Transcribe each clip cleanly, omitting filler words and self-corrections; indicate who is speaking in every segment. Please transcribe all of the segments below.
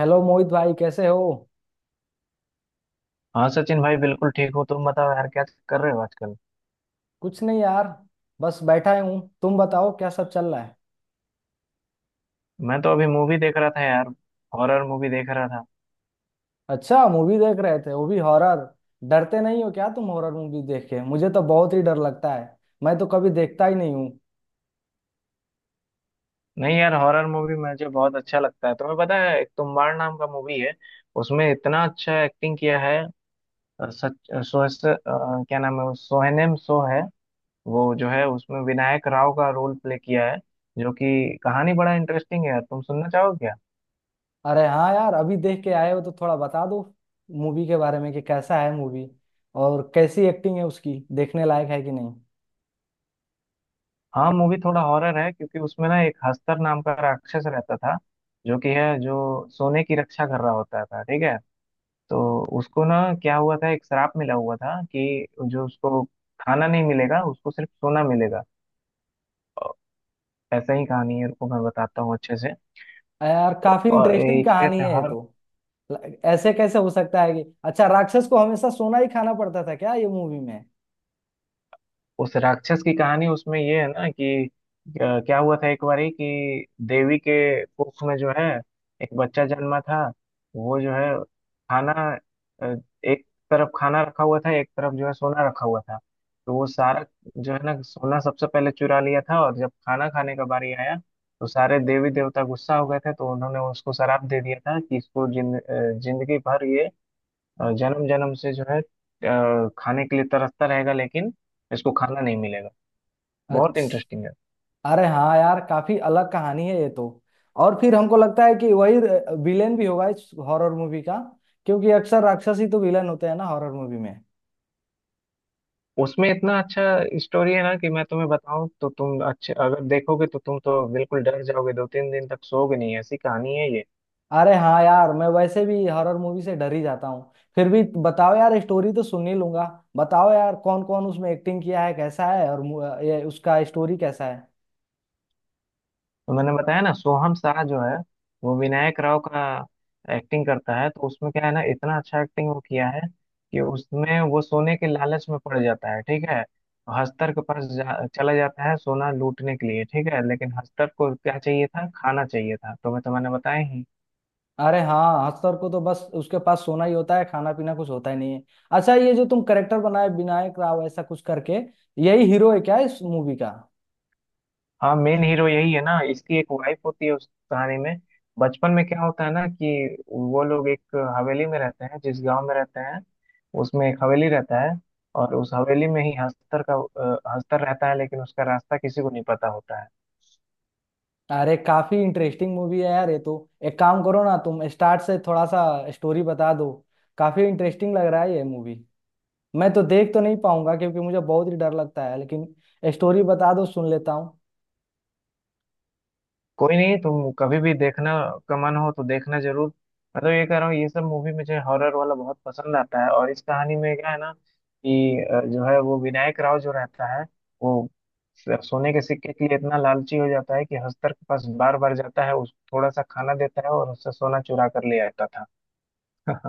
Speaker 1: Hello Mohit भाई, कैसे हो।
Speaker 2: हाँ सचिन भाई, बिल्कुल ठीक हो। तुम बताओ यार, क्या कर रहे हो आजकल।
Speaker 1: कुछ नहीं यार, बस बैठा ही हूँ। तुम बताओ क्या सब चल रहा है।
Speaker 2: मैं तो अभी मूवी देख रहा था यार, हॉरर मूवी देख रहा था।
Speaker 1: अच्छा, मूवी देख रहे थे, वो भी हॉरर। डरते नहीं हो क्या तुम हॉरर मूवी देख के। मुझे तो बहुत ही डर लगता है, मैं तो कभी देखता ही नहीं हूँ।
Speaker 2: नहीं यार, हॉरर मूवी मुझे बहुत अच्छा लगता है। तुम्हें पता है, एक तुम्बाड़ नाम का मूवी है, उसमें इतना अच्छा एक्टिंग किया है। अ, सच अ, सो, स- अ, क्या नाम है सोहनेम सो है। वो जो है, उसमें विनायक राव का रोल प्ले किया है, जो कि कहानी बड़ा इंटरेस्टिंग है यार। तुम सुनना चाहोगे।
Speaker 1: अरे हाँ यार, अभी देख के आए हो तो थोड़ा बता दो मूवी के बारे में कि कैसा है मूवी। और कैसी एक्टिंग है उसकी, देखने लायक है कि नहीं।
Speaker 2: हाँ, मूवी थोड़ा हॉरर है, क्योंकि उसमें ना एक हस्तर नाम का राक्षस रहता था, जो कि है, जो सोने की रक्षा कर रहा होता था। ठीक है, तो उसको ना क्या हुआ था, एक श्राप मिला हुआ था कि जो उसको खाना नहीं मिलेगा, उसको सिर्फ सोना मिलेगा। और ऐसा ही कहानी है। रुको, मैं बताता हूँ अच्छे से।
Speaker 1: अरे यार, काफी
Speaker 2: और
Speaker 1: इंटरेस्टिंग
Speaker 2: ये क्या
Speaker 1: कहानी
Speaker 2: कहते हैं,
Speaker 1: है ये तो। ऐसे कैसे हो सकता है कि अच्छा राक्षस को हमेशा सोना ही खाना पड़ता था क्या ये मूवी में।
Speaker 2: उस राक्षस की कहानी उसमें ये है ना कि क्या हुआ था, एक बारी कि देवी के कुख में जो है, एक बच्चा जन्मा था। वो जो है, खाना अ, एक तरफ खाना रखा हुआ था, एक तरफ जो है सोना रखा हुआ था। तो वो सारा जो है ना, सोना सबसे पहले चुरा लिया था, और जब खाना खाने का बारी आया, तो सारे देवी देवता गुस्सा हो गए थे, तो उन्होंने उसको श्राप दे दिया था कि इसको जिंदगी भर ये जन्म जन्म से जो है खाने के लिए तरसता रहेगा, लेकिन इसको खाना नहीं मिलेगा। बहुत
Speaker 1: अच्छा।
Speaker 2: इंटरेस्टिंग है।
Speaker 1: अरे हाँ यार, काफी अलग कहानी है ये तो। और फिर हमको लगता है कि वही विलेन भी होगा इस हॉरर मूवी का, क्योंकि अक्सर राक्षस ही तो विलेन होते हैं ना हॉरर मूवी में।
Speaker 2: उसमें इतना अच्छा स्टोरी है ना, कि मैं तुम्हें बताऊं तो तुम अच्छे अगर देखोगे तो तुम तो बिल्कुल डर जाओगे, दो तीन दिन तक सोओगे नहीं, ऐसी कहानी है ये।
Speaker 1: अरे हाँ यार, मैं वैसे भी हॉरर मूवी से डर ही जाता हूँ, फिर भी बताओ यार, स्टोरी तो सुन ही लूंगा। बताओ यार, कौन कौन उसमें एक्टिंग किया है, कैसा है, और ये उसका स्टोरी कैसा है।
Speaker 2: तो मैंने बताया ना, सोहम शाह जो है वो विनायक राव का एक्टिंग करता है। तो उसमें क्या है ना, इतना अच्छा एक्टिंग वो किया है, कि उसमें वो सोने के लालच में पड़ जाता है। ठीक है, हस्तर के पास चला जाता है सोना लूटने के लिए। ठीक है, लेकिन हस्तर को क्या चाहिए था, खाना चाहिए था। तो मैं तो मैंने बताया ही।
Speaker 1: अरे हाँ, हस्तर को तो बस उसके पास सोना ही होता है, खाना पीना कुछ होता ही नहीं है। अच्छा, ये जो तुम करेक्टर बनाए विनायक राव ऐसा कुछ करके, यही हीरो है क्या इस मूवी का।
Speaker 2: हाँ, मेन हीरो यही है ना। इसकी एक वाइफ होती है उस कहानी में। बचपन में क्या होता है ना कि वो लोग एक हवेली में रहते हैं, जिस गांव में रहते हैं उसमें एक हवेली रहता है, और उस हवेली में ही हस्तर का हस्तर रहता है, लेकिन उसका रास्ता किसी को नहीं पता होता है।
Speaker 1: अरे काफी इंटरेस्टिंग मूवी है यार ये तो। एक काम करो ना, तुम स्टार्ट से थोड़ा सा स्टोरी बता दो। काफी इंटरेस्टिंग लग रहा है ये मूवी। मैं तो देख तो नहीं पाऊंगा क्योंकि मुझे बहुत ही डर लगता है, लेकिन स्टोरी बता दो, सुन लेता हूँ।
Speaker 2: कोई नहीं, तुम कभी भी देखना का मन हो तो देखना जरूर। मैं तो ये कह रहा हूँ, ये सब मूवी मुझे हॉरर वाला बहुत पसंद आता है। और इस कहानी में क्या है ना कि जो है वो विनायक राव जो रहता है, वो सोने के सिक्के के लिए इतना लालची हो जाता है कि हस्तर के पास बार बार जाता है, उस थोड़ा सा खाना देता है और उससे सोना चुरा कर ले आता था।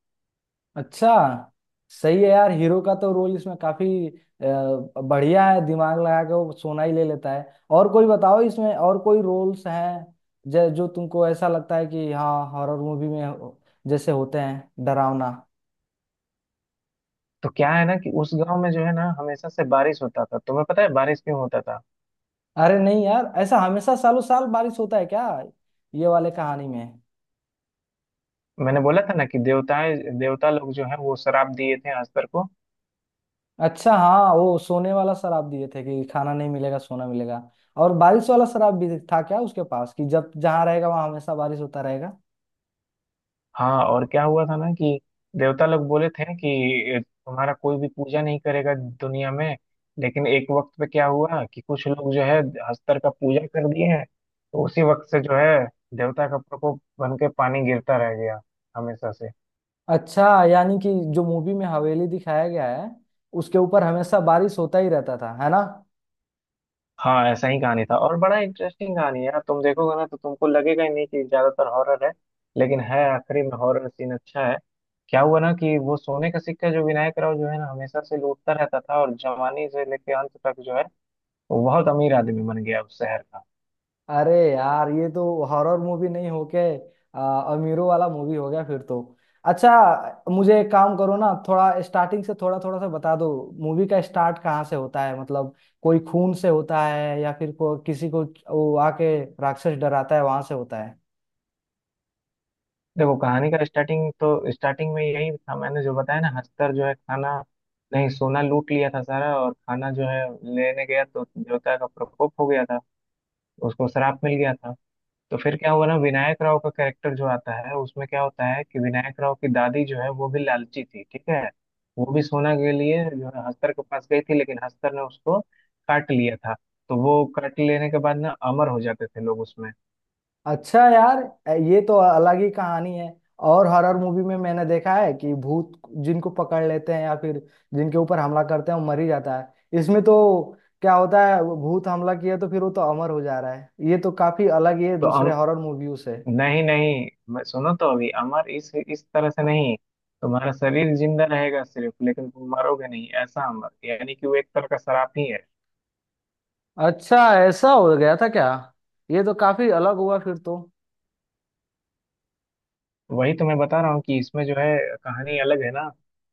Speaker 1: अच्छा। सही है यार, हीरो का तो रोल इसमें काफी बढ़िया है, दिमाग लगा के वो सोना ही ले लेता है। और कोई बताओ, इसमें और कोई रोल्स हैं जो जो तुमको ऐसा लगता है कि हाँ, हॉरर मूवी में जैसे होते हैं डरावना।
Speaker 2: तो क्या है ना कि उस गांव में जो है ना, हमेशा से बारिश होता था। तुम्हें पता है बारिश क्यों होता था।
Speaker 1: अरे नहीं यार, ऐसा हमेशा सालों साल बारिश होता है क्या ये वाले कहानी में।
Speaker 2: मैंने बोला था ना कि देवताएं देवता लोग जो है, वो श्राप दिए थे हस्तर को।
Speaker 1: अच्छा हाँ, वो सोने वाला शराब दिए थे कि खाना नहीं मिलेगा, सोना मिलेगा। और बारिश वाला शराब भी था क्या उसके पास कि जब जहाँ रहेगा वहाँ हमेशा बारिश होता रहेगा।
Speaker 2: हाँ, और क्या हुआ था ना कि देवता लोग बोले थे कि तुम्हारा कोई भी पूजा नहीं करेगा दुनिया में। लेकिन एक वक्त पे क्या हुआ, कि कुछ लोग जो है हस्तर का पूजा कर दिए हैं, तो उसी वक्त से जो है देवता का प्रकोप बन के पानी गिरता रह गया हमेशा से।
Speaker 1: अच्छा, यानी कि जो मूवी में हवेली दिखाया गया है उसके ऊपर हमेशा बारिश होता ही रहता था, है ना।
Speaker 2: हाँ, ऐसा ही कहानी था। और बड़ा इंटरेस्टिंग कहानी है यार, तुम देखोगे ना तो तुमको लगेगा ही नहीं कि ज्यादातर हॉरर है, लेकिन है, आखिरी में हॉरर सीन अच्छा है। क्या हुआ ना कि वो सोने का सिक्का जो विनायक राव जो है ना, हमेशा से लूटता रहता था, और जवानी से लेके अंत तक जो है, वो बहुत अमीर आदमी बन गया उस शहर का।
Speaker 1: अरे यार ये तो हॉरर मूवी नहीं होके अमीरों वाला मूवी हो गया फिर तो। अच्छा, मुझे एक काम करो ना, थोड़ा स्टार्टिंग से थोड़ा थोड़ा सा बता दो। मूवी का स्टार्ट कहाँ से होता है, मतलब कोई खून से होता है या फिर किसी को वो आके राक्षस डराता है वहां से होता है।
Speaker 2: देखो, कहानी का स्टार्टिंग तो स्टार्टिंग में यही था, मैंने जो बताया ना, हस्तर जो है खाना नहीं सोना लूट लिया था सारा, और खाना जो है लेने गया तो देवता का प्रकोप हो गया था, उसको श्राप मिल गया था। तो फिर क्या हुआ ना, विनायक राव का कैरेक्टर जो आता है, उसमें क्या होता है कि विनायक राव की दादी जो है, वो भी लालची थी। ठीक है, वो भी सोना के लिए जो है हस्तर के पास गई थी, लेकिन हस्तर ने उसको काट लिया था। तो वो काट लेने के बाद ना अमर हो जाते थे लोग उसमें।
Speaker 1: अच्छा यार, ये तो अलग ही कहानी है। और हॉरर मूवी में मैंने देखा है कि भूत जिनको पकड़ लेते हैं या फिर जिनके ऊपर हमला करते हैं वो मर ही जाता है। इसमें तो क्या होता है, वो भूत हमला किया तो फिर वो तो अमर हो जा रहा है, ये तो काफी अलग ही है
Speaker 2: तो
Speaker 1: दूसरे हॉरर मूवियों से।
Speaker 2: नहीं नहीं, मैं सुनो तो, अभी अमर इस तरह से नहीं, तुम्हारा शरीर जिंदा रहेगा सिर्फ, लेकिन तुम मरोगे नहीं, ऐसा अमर, यानी कि वो एक तरह का श्राप ही है।
Speaker 1: अच्छा, ऐसा हो गया था क्या। ये तो काफी अलग हुआ फिर तो।
Speaker 2: वही तो मैं बता रहा हूँ कि इसमें जो है कहानी अलग है ना।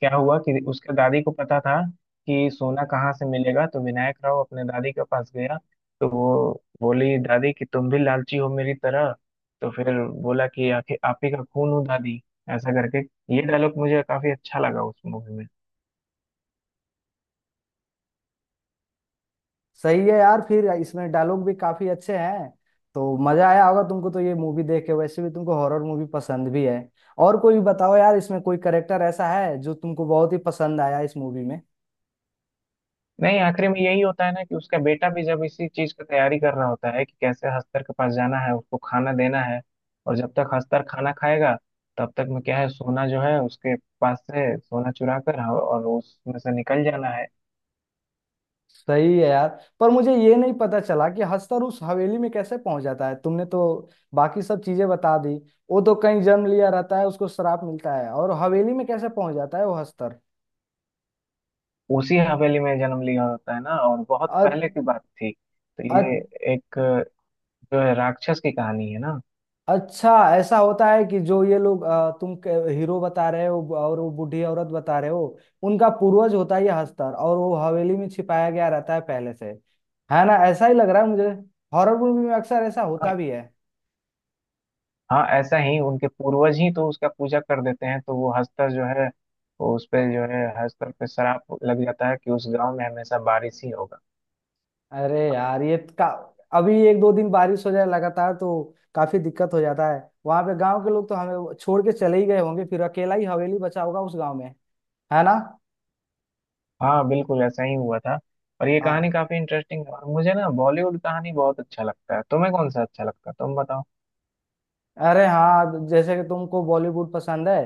Speaker 2: क्या हुआ कि उसके दादी को पता था कि सोना कहाँ से मिलेगा, तो विनायक राव अपने दादी के पास गया, तो वो बोली दादी कि तुम भी लालची हो मेरी तरह। तो फिर बोला कि आखिर आप ही का खून हूँ दादी, ऐसा करके। ये डायलॉग मुझे काफी अच्छा लगा उस मूवी में।
Speaker 1: सही है यार, फिर इसमें डायलॉग भी काफी अच्छे हैं, तो मजा आया होगा तुमको तो ये मूवी देख के। वैसे भी तुमको हॉरर मूवी पसंद भी है। और कोई बताओ यार, इसमें कोई करेक्टर ऐसा है जो तुमको बहुत ही पसंद आया इस मूवी में।
Speaker 2: नहीं, आखिरी में यही होता है ना कि उसका बेटा भी जब इसी चीज का तैयारी कर रहा होता है, कि कैसे हस्तर के पास जाना है, उसको खाना देना है, और जब तक हस्तर खाना खाएगा तब तक में क्या है, सोना जो है उसके पास से सोना चुरा कर, हाँ, और उसमें से निकल जाना है।
Speaker 1: सही है यार, पर मुझे ये नहीं पता चला कि हस्तर उस हवेली में कैसे पहुंच जाता है। तुमने तो बाकी सब चीजें बता दी। वो तो कहीं जन्म लिया रहता है, उसको श्राप मिलता है, और हवेली में कैसे पहुंच जाता है वो हस्तर।
Speaker 2: उसी हवेली में जन्म लिया होता है ना, और बहुत पहले की बात थी, तो ये
Speaker 1: अ-
Speaker 2: एक जो है राक्षस की कहानी है ना।
Speaker 1: अच्छा, ऐसा होता है कि जो ये लोग तुम हीरो बता रहे हो और वो बूढ़ी औरत बता रहे हो, उनका पूर्वज होता है ये हस्तर और वो हवेली में छिपाया गया रहता है पहले से, है ना। ऐसा ही लग रहा है मुझे, हॉरर मूवी में अक्सर ऐसा होता भी है।
Speaker 2: हाँ, ऐसा ही, उनके पूर्वज ही तो उसका पूजा कर देते हैं, तो वो हस्तर जो है, वो उस पे जो है हस्तर पे श्राप लग जाता है कि उस गांव में हमेशा बारिश ही होगा।
Speaker 1: अरे यार, ये का अभी एक दो दिन बारिश हो जाए लगातार तो काफी दिक्कत हो जाता है। वहां पे गांव के लोग तो हमें छोड़ के चले ही गए होंगे, फिर अकेला ही हवेली बचा होगा उस गांव में, है ना।
Speaker 2: हाँ, बिल्कुल ऐसा ही हुआ था। और ये कहानी
Speaker 1: हाँ।
Speaker 2: काफी इंटरेस्टिंग है, और मुझे ना बॉलीवुड कहानी बहुत अच्छा लगता है। तुम्हें कौन सा अच्छा लगता है, तुम बताओ।
Speaker 1: अरे हाँ, जैसे कि तुमको बॉलीवुड पसंद है,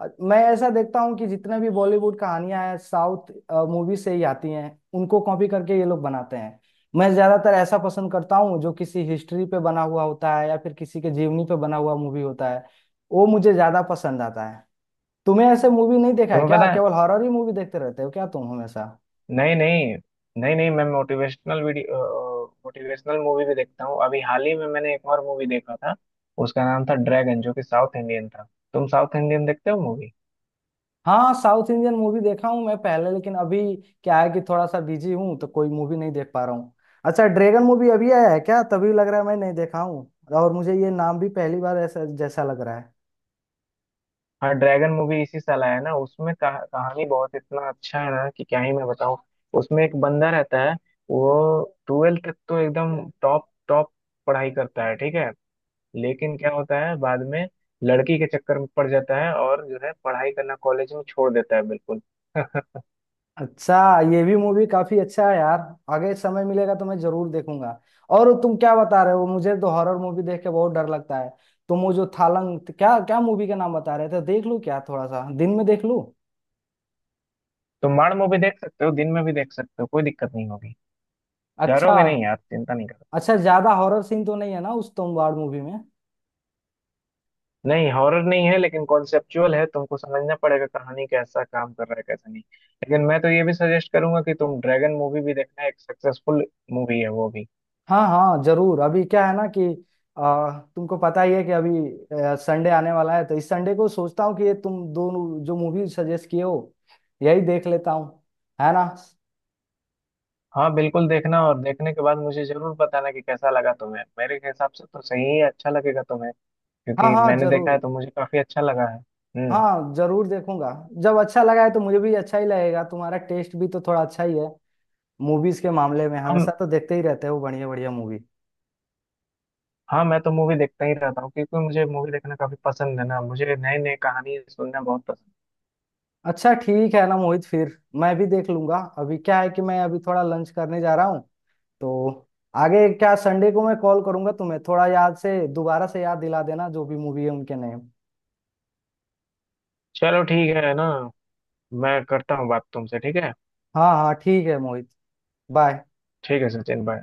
Speaker 1: मैं ऐसा देखता हूँ कि जितने भी बॉलीवुड कहानियां हैं साउथ मूवी से ही आती हैं, उनको कॉपी करके ये लोग बनाते हैं। मैं ज्यादातर ऐसा पसंद करता हूँ जो किसी हिस्ट्री पे बना हुआ होता है या फिर किसी के जीवनी पे बना हुआ मूवी होता है, वो मुझे ज्यादा पसंद आता है। तुम्हें ऐसे मूवी नहीं देखा है
Speaker 2: तुम्हें
Speaker 1: क्या,
Speaker 2: पता है,
Speaker 1: केवल हॉरर ही मूवी देखते रहते हो क्या तुम हमेशा।
Speaker 2: नहीं नहीं, नहीं नहीं, मैं मोटिवेशनल वीडियो, मोटिवेशनल मूवी भी देखता हूँ। अभी हाल ही में मैंने एक और मूवी देखा था, उसका नाम था ड्रैगन, जो कि साउथ इंडियन था। तुम साउथ इंडियन देखते हो मूवी।
Speaker 1: हाँ, साउथ इंडियन मूवी देखा हूँ मैं पहले, लेकिन अभी क्या है कि थोड़ा सा बिजी हूँ तो कोई मूवी नहीं देख पा रहा हूँ। अच्छा ड्रैगन मूवी अभी आया है क्या, तभी लग रहा है मैं नहीं देखा हूँ। और मुझे ये नाम भी पहली बार ऐसा जैसा लग रहा है।
Speaker 2: हाँ, ड्रैगन मूवी इसी साल आया ना, उसमें कहानी बहुत इतना अच्छा है ना, कि क्या ही मैं बताऊं। उसमें एक बंदा रहता है, वो ट्वेल्थ तक तो एकदम टॉप टॉप पढ़ाई करता है। ठीक है, लेकिन क्या होता है बाद में, लड़की के चक्कर में पड़ जाता है और जो है पढ़ाई करना कॉलेज में छोड़ देता है बिल्कुल।
Speaker 1: अच्छा, ये भी मूवी काफी अच्छा है यार, आगे समय मिलेगा तो मैं जरूर देखूंगा। और तुम क्या बता रहे हो, मुझे तो हॉरर मूवी देख के बहुत डर लगता है। तुम वो जो थालंग क्या क्या मूवी का नाम बता रहे थे, देख लूँ क्या थोड़ा सा दिन में देख लूँ।
Speaker 2: तो माड़ मूवी देख सकते हो, दिन में भी देख सकते हो, कोई दिक्कत नहीं होगी।
Speaker 1: अच्छा।
Speaker 2: डरोगे नहीं आप, चिंता नहीं।
Speaker 1: अच्छा, ज्यादा हॉरर सीन तो नहीं है ना उस तोमवार मूवी में।
Speaker 2: नहीं, हॉरर नहीं है, लेकिन कॉन्सेप्चुअल है, तुमको समझना पड़ेगा कहानी कैसा काम कर रहा है कैसा नहीं। लेकिन मैं तो ये भी सजेस्ट करूंगा कि तुम ड्रैगन मूवी भी देखना, एक सक्सेसफुल मूवी है वो भी।
Speaker 1: हाँ हाँ जरूर। अभी क्या है ना कि तुमको पता ही है कि अभी संडे आने वाला है, तो इस संडे को सोचता हूँ कि ये तुम दोनों जो मूवी सजेस्ट किए हो, यही देख लेता हूँ, है ना।
Speaker 2: हाँ, बिल्कुल देखना, और देखने के बाद मुझे जरूर बताना कि कैसा लगा तुम्हें। मेरे हिसाब से तो सही ही अच्छा लगेगा तुम्हें,
Speaker 1: हाँ
Speaker 2: क्योंकि
Speaker 1: हाँ
Speaker 2: मैंने देखा है
Speaker 1: जरूर।
Speaker 2: तो मुझे काफी अच्छा लगा है। हम्म।
Speaker 1: हाँ जरूर देखूंगा। जब अच्छा लगा है तो मुझे भी अच्छा ही लगेगा, तुम्हारा टेस्ट भी तो थोड़ा अच्छा ही है मूवीज के मामले में, हमेशा
Speaker 2: हम।
Speaker 1: तो देखते ही रहते हो बढ़िया बढ़िया मूवी।
Speaker 2: हाँ, मैं तो मूवी देखता ही रहता हूँ, क्योंकि मुझे मूवी देखना काफी पसंद है ना, मुझे नई नई कहानी सुनना बहुत पसंद है।
Speaker 1: अच्छा ठीक है ना मोहित, फिर मैं भी देख लूंगा। अभी क्या है कि मैं अभी थोड़ा लंच करने जा रहा हूँ, तो आगे क्या संडे को मैं कॉल करूंगा तुम्हें, थोड़ा याद से दोबारा से याद दिला देना जो भी मूवी है उनके नेम।
Speaker 2: चलो ठीक है ना, मैं करता हूँ बात तुमसे, ठीक है।
Speaker 1: हाँ हाँ ठीक है मोहित, बाय।
Speaker 2: ठीक है सचिन, बाय।